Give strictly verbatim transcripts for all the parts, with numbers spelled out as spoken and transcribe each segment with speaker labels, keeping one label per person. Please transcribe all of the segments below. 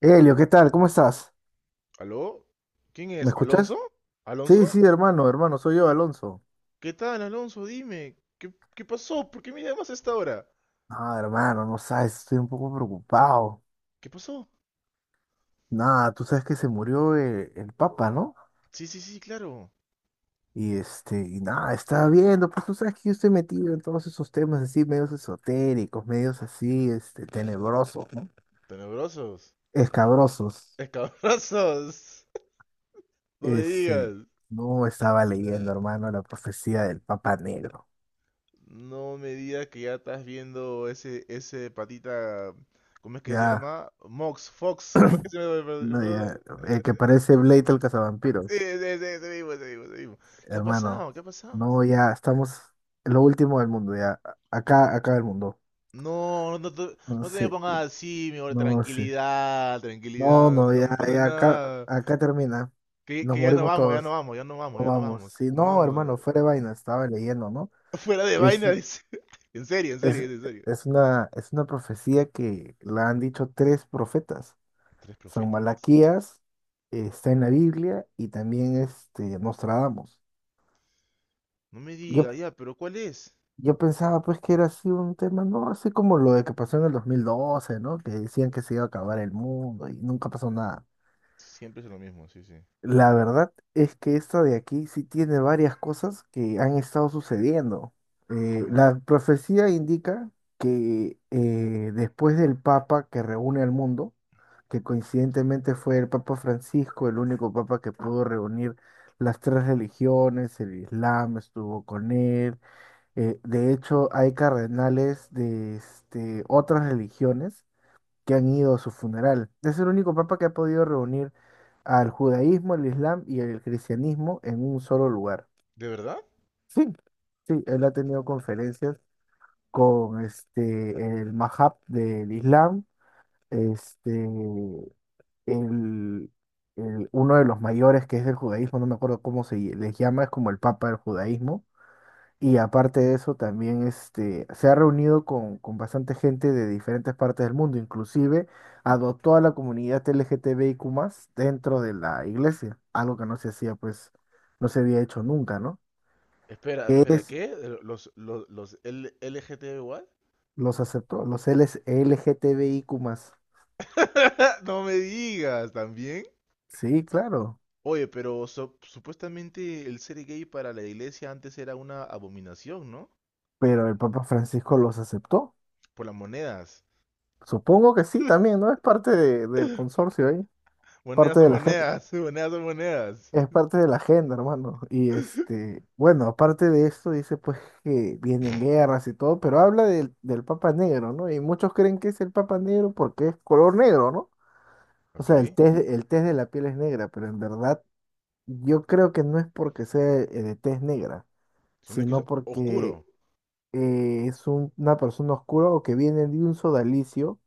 Speaker 1: Elio, ¿qué tal? ¿Cómo estás?
Speaker 2: ¿Aló? ¿Quién
Speaker 1: ¿Me
Speaker 2: es?
Speaker 1: escuchas?
Speaker 2: ¿Alonso? ¿Alonso?
Speaker 1: Sí, sí, hermano, hermano, soy yo, Alonso.
Speaker 2: ¿Qué tal, Alonso? Dime. ¿Qué, qué pasó? ¿Por qué me llamas a esta hora?
Speaker 1: Ah, hermano, no sabes, estoy un poco preocupado.
Speaker 2: ¿Qué pasó?
Speaker 1: Nada, tú sabes que se murió eh, el Papa, ¿no?
Speaker 2: Sí, sí, sí, claro.
Speaker 1: Y este, y nada, estaba viendo, pues tú sabes que yo estoy metido en todos esos temas así, medios esotéricos, medios así, este, tenebrosos, ¿no?
Speaker 2: Tenebrosos.
Speaker 1: Escabrosos.
Speaker 2: Escabrosos. No me
Speaker 1: Este,
Speaker 2: digas.
Speaker 1: no estaba leyendo, hermano, la profecía del Papa Negro.
Speaker 2: No me digas que ya estás viendo ese, ese patita. ¿Cómo es que se
Speaker 1: Ya,
Speaker 2: llama? Mox, Fox. ¿Cómo es que se llama el bro- el
Speaker 1: no, ya,
Speaker 2: brother?
Speaker 1: el que parece Blade el
Speaker 2: Sí,
Speaker 1: cazavampiros.
Speaker 2: sí, sí, ese mismo, ese mismo, ese mismo. ¿Qué ha
Speaker 1: Hermano,
Speaker 2: pasado? ¿Qué ha pasado?
Speaker 1: no, ya estamos en lo último del mundo, ya. Acá, acá el mundo.
Speaker 2: No, no te,
Speaker 1: No
Speaker 2: no te me
Speaker 1: sé,
Speaker 2: pongas así, mi amor,
Speaker 1: no sé.
Speaker 2: tranquilidad,
Speaker 1: No,
Speaker 2: tranquilidad, no,
Speaker 1: no,
Speaker 2: no
Speaker 1: ya,
Speaker 2: me pasa
Speaker 1: ya, acá,
Speaker 2: nada.
Speaker 1: acá termina.
Speaker 2: Que,
Speaker 1: Nos
Speaker 2: que ya no
Speaker 1: morimos
Speaker 2: vamos, ya no
Speaker 1: todos.
Speaker 2: vamos, ya no vamos,
Speaker 1: No
Speaker 2: ya no
Speaker 1: vamos.
Speaker 2: vamos,
Speaker 1: si
Speaker 2: no
Speaker 1: no,
Speaker 2: vamos.
Speaker 1: hermano, fuera de vaina, estaba leyendo, ¿no?
Speaker 2: Fuera de
Speaker 1: Es,
Speaker 2: vaina, dice. En serio, en
Speaker 1: es,
Speaker 2: serio, en serio.
Speaker 1: es una, es una profecía que la han dicho tres profetas.
Speaker 2: Tres
Speaker 1: San
Speaker 2: profetas.
Speaker 1: Malaquías, eh, está en la Biblia y también este, Nostradamus.
Speaker 2: No me
Speaker 1: Yo,
Speaker 2: diga, ya, pero ¿cuál es?
Speaker 1: Yo pensaba pues que era así un tema, ¿no? Así como lo de que pasó en el dos mil doce, ¿no? Que decían que se iba a acabar el mundo y nunca pasó nada.
Speaker 2: Siempre es lo mismo, sí, sí.
Speaker 1: La verdad es que esta de aquí sí tiene varias cosas que han estado sucediendo. Eh,
Speaker 2: ¿Cómo que?
Speaker 1: la profecía indica que eh, después del Papa que reúne al mundo, que coincidentemente fue el Papa Francisco, el único Papa que pudo reunir las tres religiones. El Islam estuvo con él, eh, de hecho, hay cardenales de este, otras religiones que han ido a su funeral. Es el único papa que ha podido reunir al judaísmo, el islam y el cristianismo en un solo lugar.
Speaker 2: ¿De verdad?
Speaker 1: Sí, sí, él ha tenido conferencias con este, el Mahab del Islam, este, el, el- uno de los mayores que es del judaísmo. No me acuerdo cómo se les llama, es como el papa del judaísmo. Y aparte de eso, también este, se ha reunido con, con bastante gente de diferentes partes del mundo, inclusive adoptó a la comunidad LGTBIQ+, dentro de la iglesia, algo que no se hacía, pues, no se había hecho nunca, ¿no?
Speaker 2: Espera,
Speaker 1: Que
Speaker 2: espera,
Speaker 1: es,
Speaker 2: ¿qué? ¿Los, los, los L- LGTB igual?
Speaker 1: los aceptó, los L S LGTBIQ+.
Speaker 2: No me digas, ¿también?
Speaker 1: Sí, claro,
Speaker 2: Oye, pero so- supuestamente el ser gay para la iglesia antes era una abominación, ¿no?
Speaker 1: pero el Papa Francisco los aceptó.
Speaker 2: Por las monedas.
Speaker 1: Supongo que sí, también, ¿no? Es parte de- del consorcio ahí,
Speaker 2: Monedas
Speaker 1: parte
Speaker 2: son
Speaker 1: de la gente.
Speaker 2: monedas, monedas son monedas.
Speaker 1: Es parte de la agenda, hermano. Y este, bueno, aparte de esto, dice pues que vienen guerras y todo, pero habla del, del Papa Negro, ¿no? Y muchos creen que es el Papa Negro porque es color negro, ¿no? O
Speaker 2: Ok.
Speaker 1: sea, el test, el test de la piel es negra, pero en verdad yo creo que no es porque sea eh, de tez negra,
Speaker 2: Si no es que es
Speaker 1: sino porque
Speaker 2: oscuro.
Speaker 1: eh, es un- una persona oscura o que viene de un sodalicio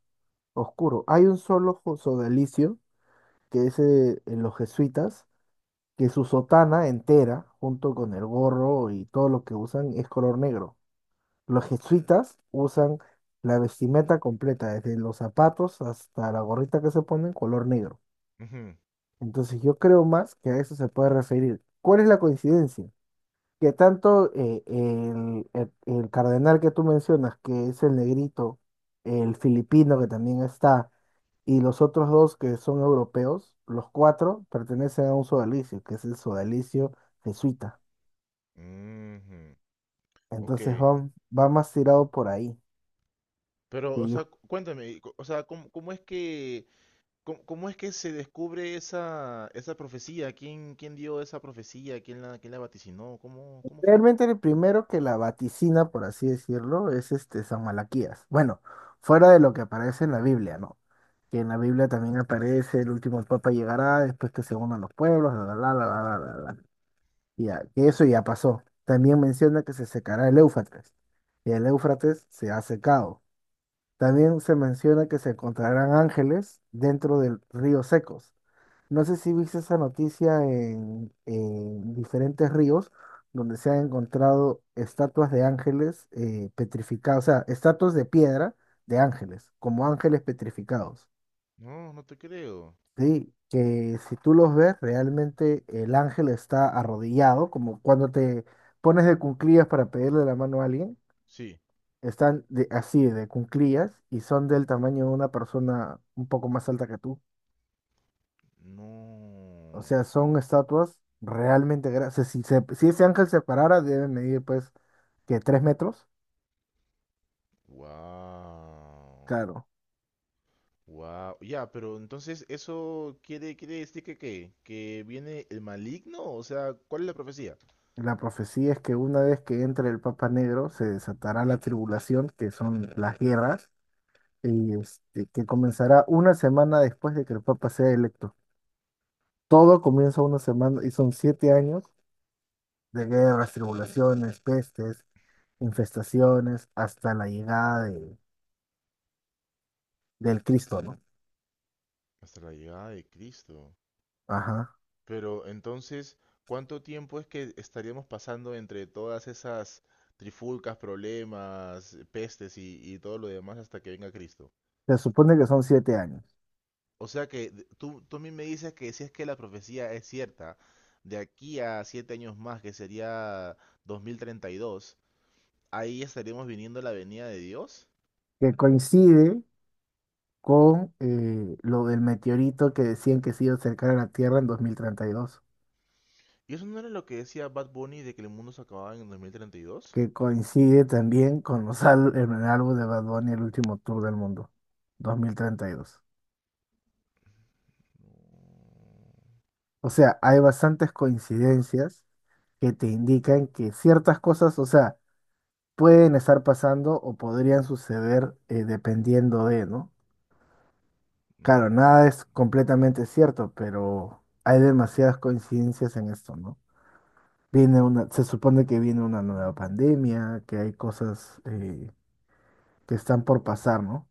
Speaker 1: oscuro. Hay un solo jo- sodalicio que es, eh, en los jesuitas, que su sotana entera, junto con el gorro y todo lo que usan, es color negro. Los jesuitas usan la vestimenta completa, desde los zapatos hasta la gorrita que se ponen, color negro.
Speaker 2: Ujú,
Speaker 1: Entonces yo creo más que a eso se puede referir. ¿Cuál es la coincidencia? Que tanto eh, el, el- el cardenal que tú mencionas, que es el negrito, el filipino que también está, y los otros dos que son europeos, los cuatro pertenecen a un sodalicio, que es el sodalicio jesuita.
Speaker 2: ujú, Ok.
Speaker 1: Entonces va, va más tirado por ahí.
Speaker 2: Pero,
Speaker 1: Que
Speaker 2: o sea,
Speaker 1: yo,
Speaker 2: cu- cuéntame, cu- o sea, ¿cómo, cómo es que, cómo, cómo es que se descubre esa, esa profecía? ¿Quién, quién dio esa profecía? ¿Quién la, quién la vaticinó? ¿Cómo, cómo fue?
Speaker 1: realmente el primero que la vaticina, por así decirlo, es este San Malaquías. Bueno, fuera de lo que aparece en la Biblia, ¿no? Que en la Biblia también aparece: el último papa llegará, después que se unan los pueblos, la, la, la, la, la, la, la, la. Ya, que eso ya pasó. También menciona que se secará el Éufrates, y el Éufrates se ha secado. También se menciona que se encontrarán ángeles dentro del río secos. No sé si viste esa noticia en en diferentes ríos donde se han encontrado estatuas de ángeles eh, petrificados, o sea, estatuas de piedra de ángeles, como ángeles petrificados.
Speaker 2: No, no te creo.
Speaker 1: Sí, que si tú los ves, realmente el ángel está arrodillado, como cuando te pones de cuclillas para pedirle la mano a alguien.
Speaker 2: Sí.
Speaker 1: Están de- así de cuclillas, y son del tamaño de una persona un poco más alta que tú. O sea,
Speaker 2: No.
Speaker 1: son estatuas realmente grandes. si, se- si ese ángel se parara, debe medir pues que tres metros.
Speaker 2: Wow.
Speaker 1: Claro.
Speaker 2: Wow. Ya, pero entonces eso quiere, quiere decir que ¿qué? Que viene el maligno, o sea, ¿cuál es la profecía?
Speaker 1: La profecía es que una vez que entre el Papa Negro se desatará la tribulación, que son las guerras, y este, que comenzará una semana después de que el Papa sea electo. Todo comienza una semana, y son siete años de guerras, tribulaciones, pestes, infestaciones, hasta la llegada de- del Cristo, ¿no?
Speaker 2: Hasta la llegada de Cristo.
Speaker 1: Ajá.
Speaker 2: Pero entonces, ¿cuánto tiempo es que estaríamos pasando entre todas esas trifulcas, problemas, pestes y, y todo lo demás hasta que venga Cristo?
Speaker 1: Se supone que son siete años.
Speaker 2: O sea que de- tú, tú a mí me dices que si es que la profecía es cierta, de aquí a siete años más, que sería dos mil treinta y dos ahí estaríamos viniendo a la venida de Dios.
Speaker 1: que coincide con eh, lo del meteorito que decían que se iba a acercar a la Tierra en dos mil treinta y dos,
Speaker 2: ¿Y eso no era lo que decía Bad Bunny de que el mundo se acababa en el dos mil treinta y dos?
Speaker 1: que coincide también con los al- el álbum de Bad Bunny, el último tour del mundo, dos mil treinta y dos. O sea, hay bastantes coincidencias que te indican que ciertas cosas, o sea, pueden estar pasando o podrían suceder, eh, dependiendo de, ¿no? Claro, nada es completamente cierto, pero hay demasiadas coincidencias en esto, ¿no? Viene una, se supone que viene una nueva pandemia, que hay cosas, eh, que están por pasar, ¿no?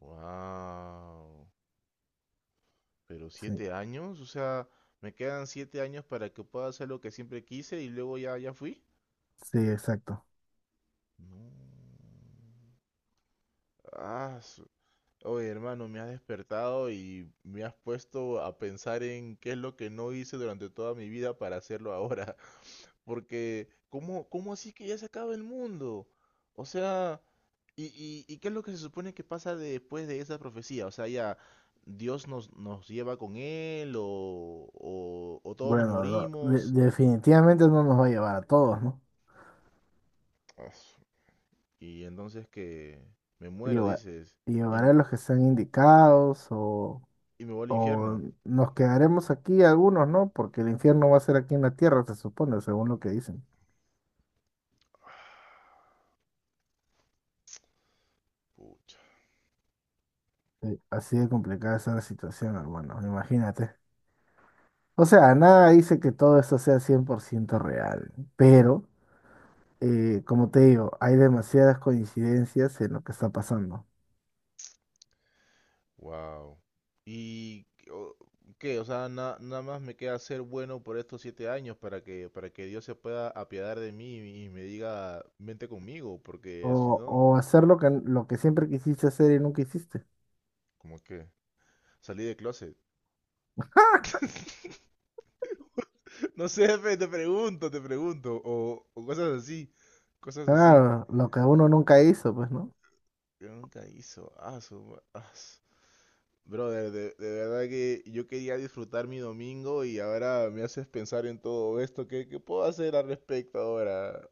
Speaker 2: Wow. Pero
Speaker 1: Sí,
Speaker 2: siete años, o sea, me quedan siete años para que pueda hacer lo que siempre quise y luego ya, ya fui.
Speaker 1: sí, exacto.
Speaker 2: No. Ah, oye, hermano, me has despertado y me has puesto a pensar en qué es lo que no hice durante toda mi vida para hacerlo ahora. Porque, ¿cómo, cómo así que ya se acaba el mundo? O sea, ¿y, y, y qué es lo que se supone que pasa después de esa profecía? O sea, ya Dios nos, nos lleva con él o, o, o todos nos
Speaker 1: Bueno, lo- de-
Speaker 2: morimos.
Speaker 1: definitivamente no nos va a llevar a todos, ¿no?
Speaker 2: Ah, y entonces que me muero,
Speaker 1: Lleva-
Speaker 2: dices, y,
Speaker 1: llevará a
Speaker 2: m-
Speaker 1: los que están indicados, o
Speaker 2: y me voy al
Speaker 1: o
Speaker 2: infierno.
Speaker 1: nos quedaremos aquí algunos, ¿no? Porque el infierno va a ser aquí en la tierra, se supone, según lo que dicen.
Speaker 2: Pucha.
Speaker 1: Sí, así de complicada está la situación, hermano, imagínate. O sea, nada dice que todo esto sea cien por ciento real, pero... eh, como te digo, hay demasiadas coincidencias en lo que está pasando.
Speaker 2: Wow. ¿Y o- qué? O sea, na- nada más me queda ser bueno por estos siete años para que, para que Dios se pueda apiadar de mí y me diga, vente conmigo, porque si
Speaker 1: O,
Speaker 2: no,
Speaker 1: o hacer lo que, lo que, siempre quisiste hacer y nunca hiciste.
Speaker 2: como que salí de closet. No sé, fe, te pregunto, te pregunto, o, o cosas así, cosas así.
Speaker 1: Claro, lo que uno nunca hizo, pues, ¿no?
Speaker 2: Yo nunca hizo, ah, su ma- ah, su- Brother, de, de verdad que yo quería disfrutar mi domingo y ahora me haces pensar en todo esto. ¿Qué, qué puedo hacer al respecto ahora?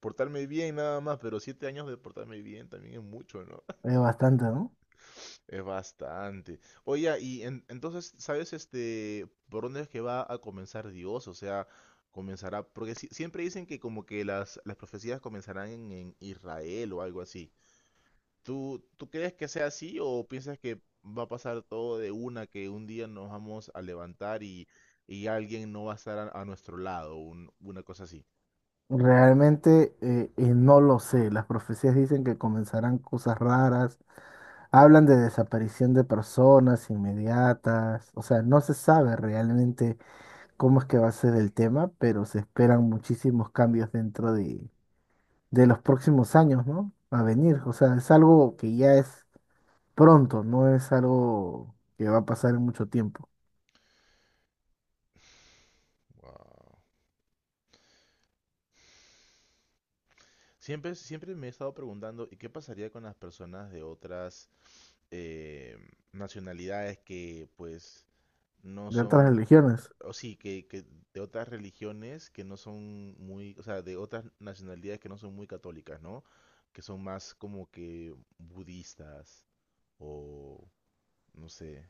Speaker 2: Portarme bien nada más, pero siete años de portarme bien también es mucho, ¿no?
Speaker 1: Es bastante, ¿no?
Speaker 2: Es bastante. Oye, y en- entonces, ¿sabes este por dónde es que va a comenzar Dios? O sea, comenzará, porque si- siempre dicen que como que las, las profecías comenzarán en, en Israel o algo así. ¿Tú, tú crees que sea así o piensas que va a pasar todo de una, que un día nos vamos a levantar y, y alguien no va a estar a, a nuestro lado, un- una cosa así?
Speaker 1: Realmente, eh, eh, no lo sé. Las profecías dicen que comenzarán cosas raras. Hablan de desaparición de personas inmediatas. O sea, no se sabe realmente cómo es que va a ser el tema, pero se esperan muchísimos cambios dentro de de los próximos años, ¿no? A venir. O sea, es algo que ya es pronto, no es algo que va a pasar en mucho tiempo.
Speaker 2: Wow. Siempre, siempre me he estado preguntando, ¿y qué pasaría con las personas de otras eh, nacionalidades que pues no
Speaker 1: De otras
Speaker 2: son,
Speaker 1: religiones.
Speaker 2: o sí, que, que de otras religiones que no son muy, o sea, de otras nacionalidades que no son muy católicas, ¿no? Que son más como que budistas o no sé,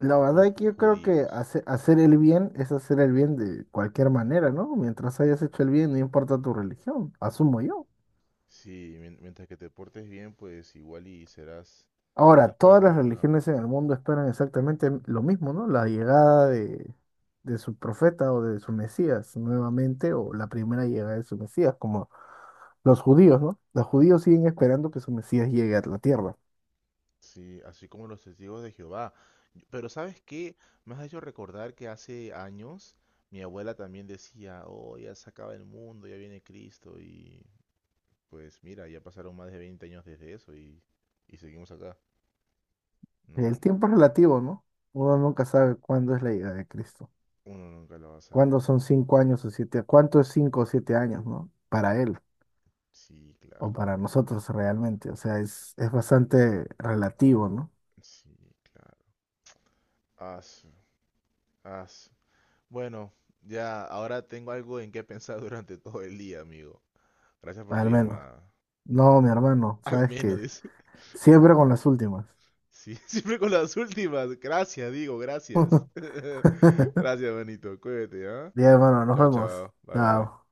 Speaker 1: La
Speaker 2: ju-
Speaker 1: verdad
Speaker 2: o
Speaker 1: es que
Speaker 2: ju-
Speaker 1: yo creo que
Speaker 2: judíos.
Speaker 1: hace- hacer el bien es hacer el bien de cualquier manera, ¿no? Mientras hayas hecho el bien, no importa tu religión, asumo yo.
Speaker 2: Sí, mien- mientras que te portes bien, pues igual y serás,
Speaker 1: Ahora,
Speaker 2: serás
Speaker 1: todas
Speaker 2: persa,
Speaker 1: las
Speaker 2: pero nada.
Speaker 1: religiones en el mundo esperan exactamente lo mismo, ¿no? La llegada de, de su profeta, o de su Mesías nuevamente, o la primera llegada de su Mesías, como los judíos, ¿no? Los judíos siguen esperando que su Mesías llegue a la tierra.
Speaker 2: Sí, así como los testigos de Jehová. Yo- Pero ¿sabes qué? Me has hecho recordar que hace años mi abuela también decía, oh, ya se acaba el mundo, ya viene Cristo. Y pues mira, ya pasaron más de veinte años desde eso y, y seguimos acá,
Speaker 1: El
Speaker 2: ¿no?
Speaker 1: tiempo es relativo, ¿no? Uno nunca sabe cuándo es la llegada de Cristo.
Speaker 2: Uno nunca lo va a
Speaker 1: ¿Cuándo
Speaker 2: saber.
Speaker 1: son cinco años o siete? ¿Cuánto es cinco o siete años? ¿No? Para él
Speaker 2: Sí,
Speaker 1: o
Speaker 2: claro.
Speaker 1: para nosotros realmente. O sea, es, es bastante relativo, ¿no?
Speaker 2: Sí, claro. As, Bueno, ya ahora tengo algo en qué pensar durante todo el día, amigo. Gracias por tu
Speaker 1: Al menos.
Speaker 2: llamada.
Speaker 1: No, mi hermano,
Speaker 2: Al
Speaker 1: sabes que...
Speaker 2: menos, dice.
Speaker 1: Siempre con las últimas.
Speaker 2: Sí, siempre con las últimas. Gracias, digo, gracias. Gracias, Benito. Cuídate, ¿ah?
Speaker 1: Bien, hermano, nos
Speaker 2: Chao,
Speaker 1: vemos.
Speaker 2: chao. Bye, bye.
Speaker 1: Chao.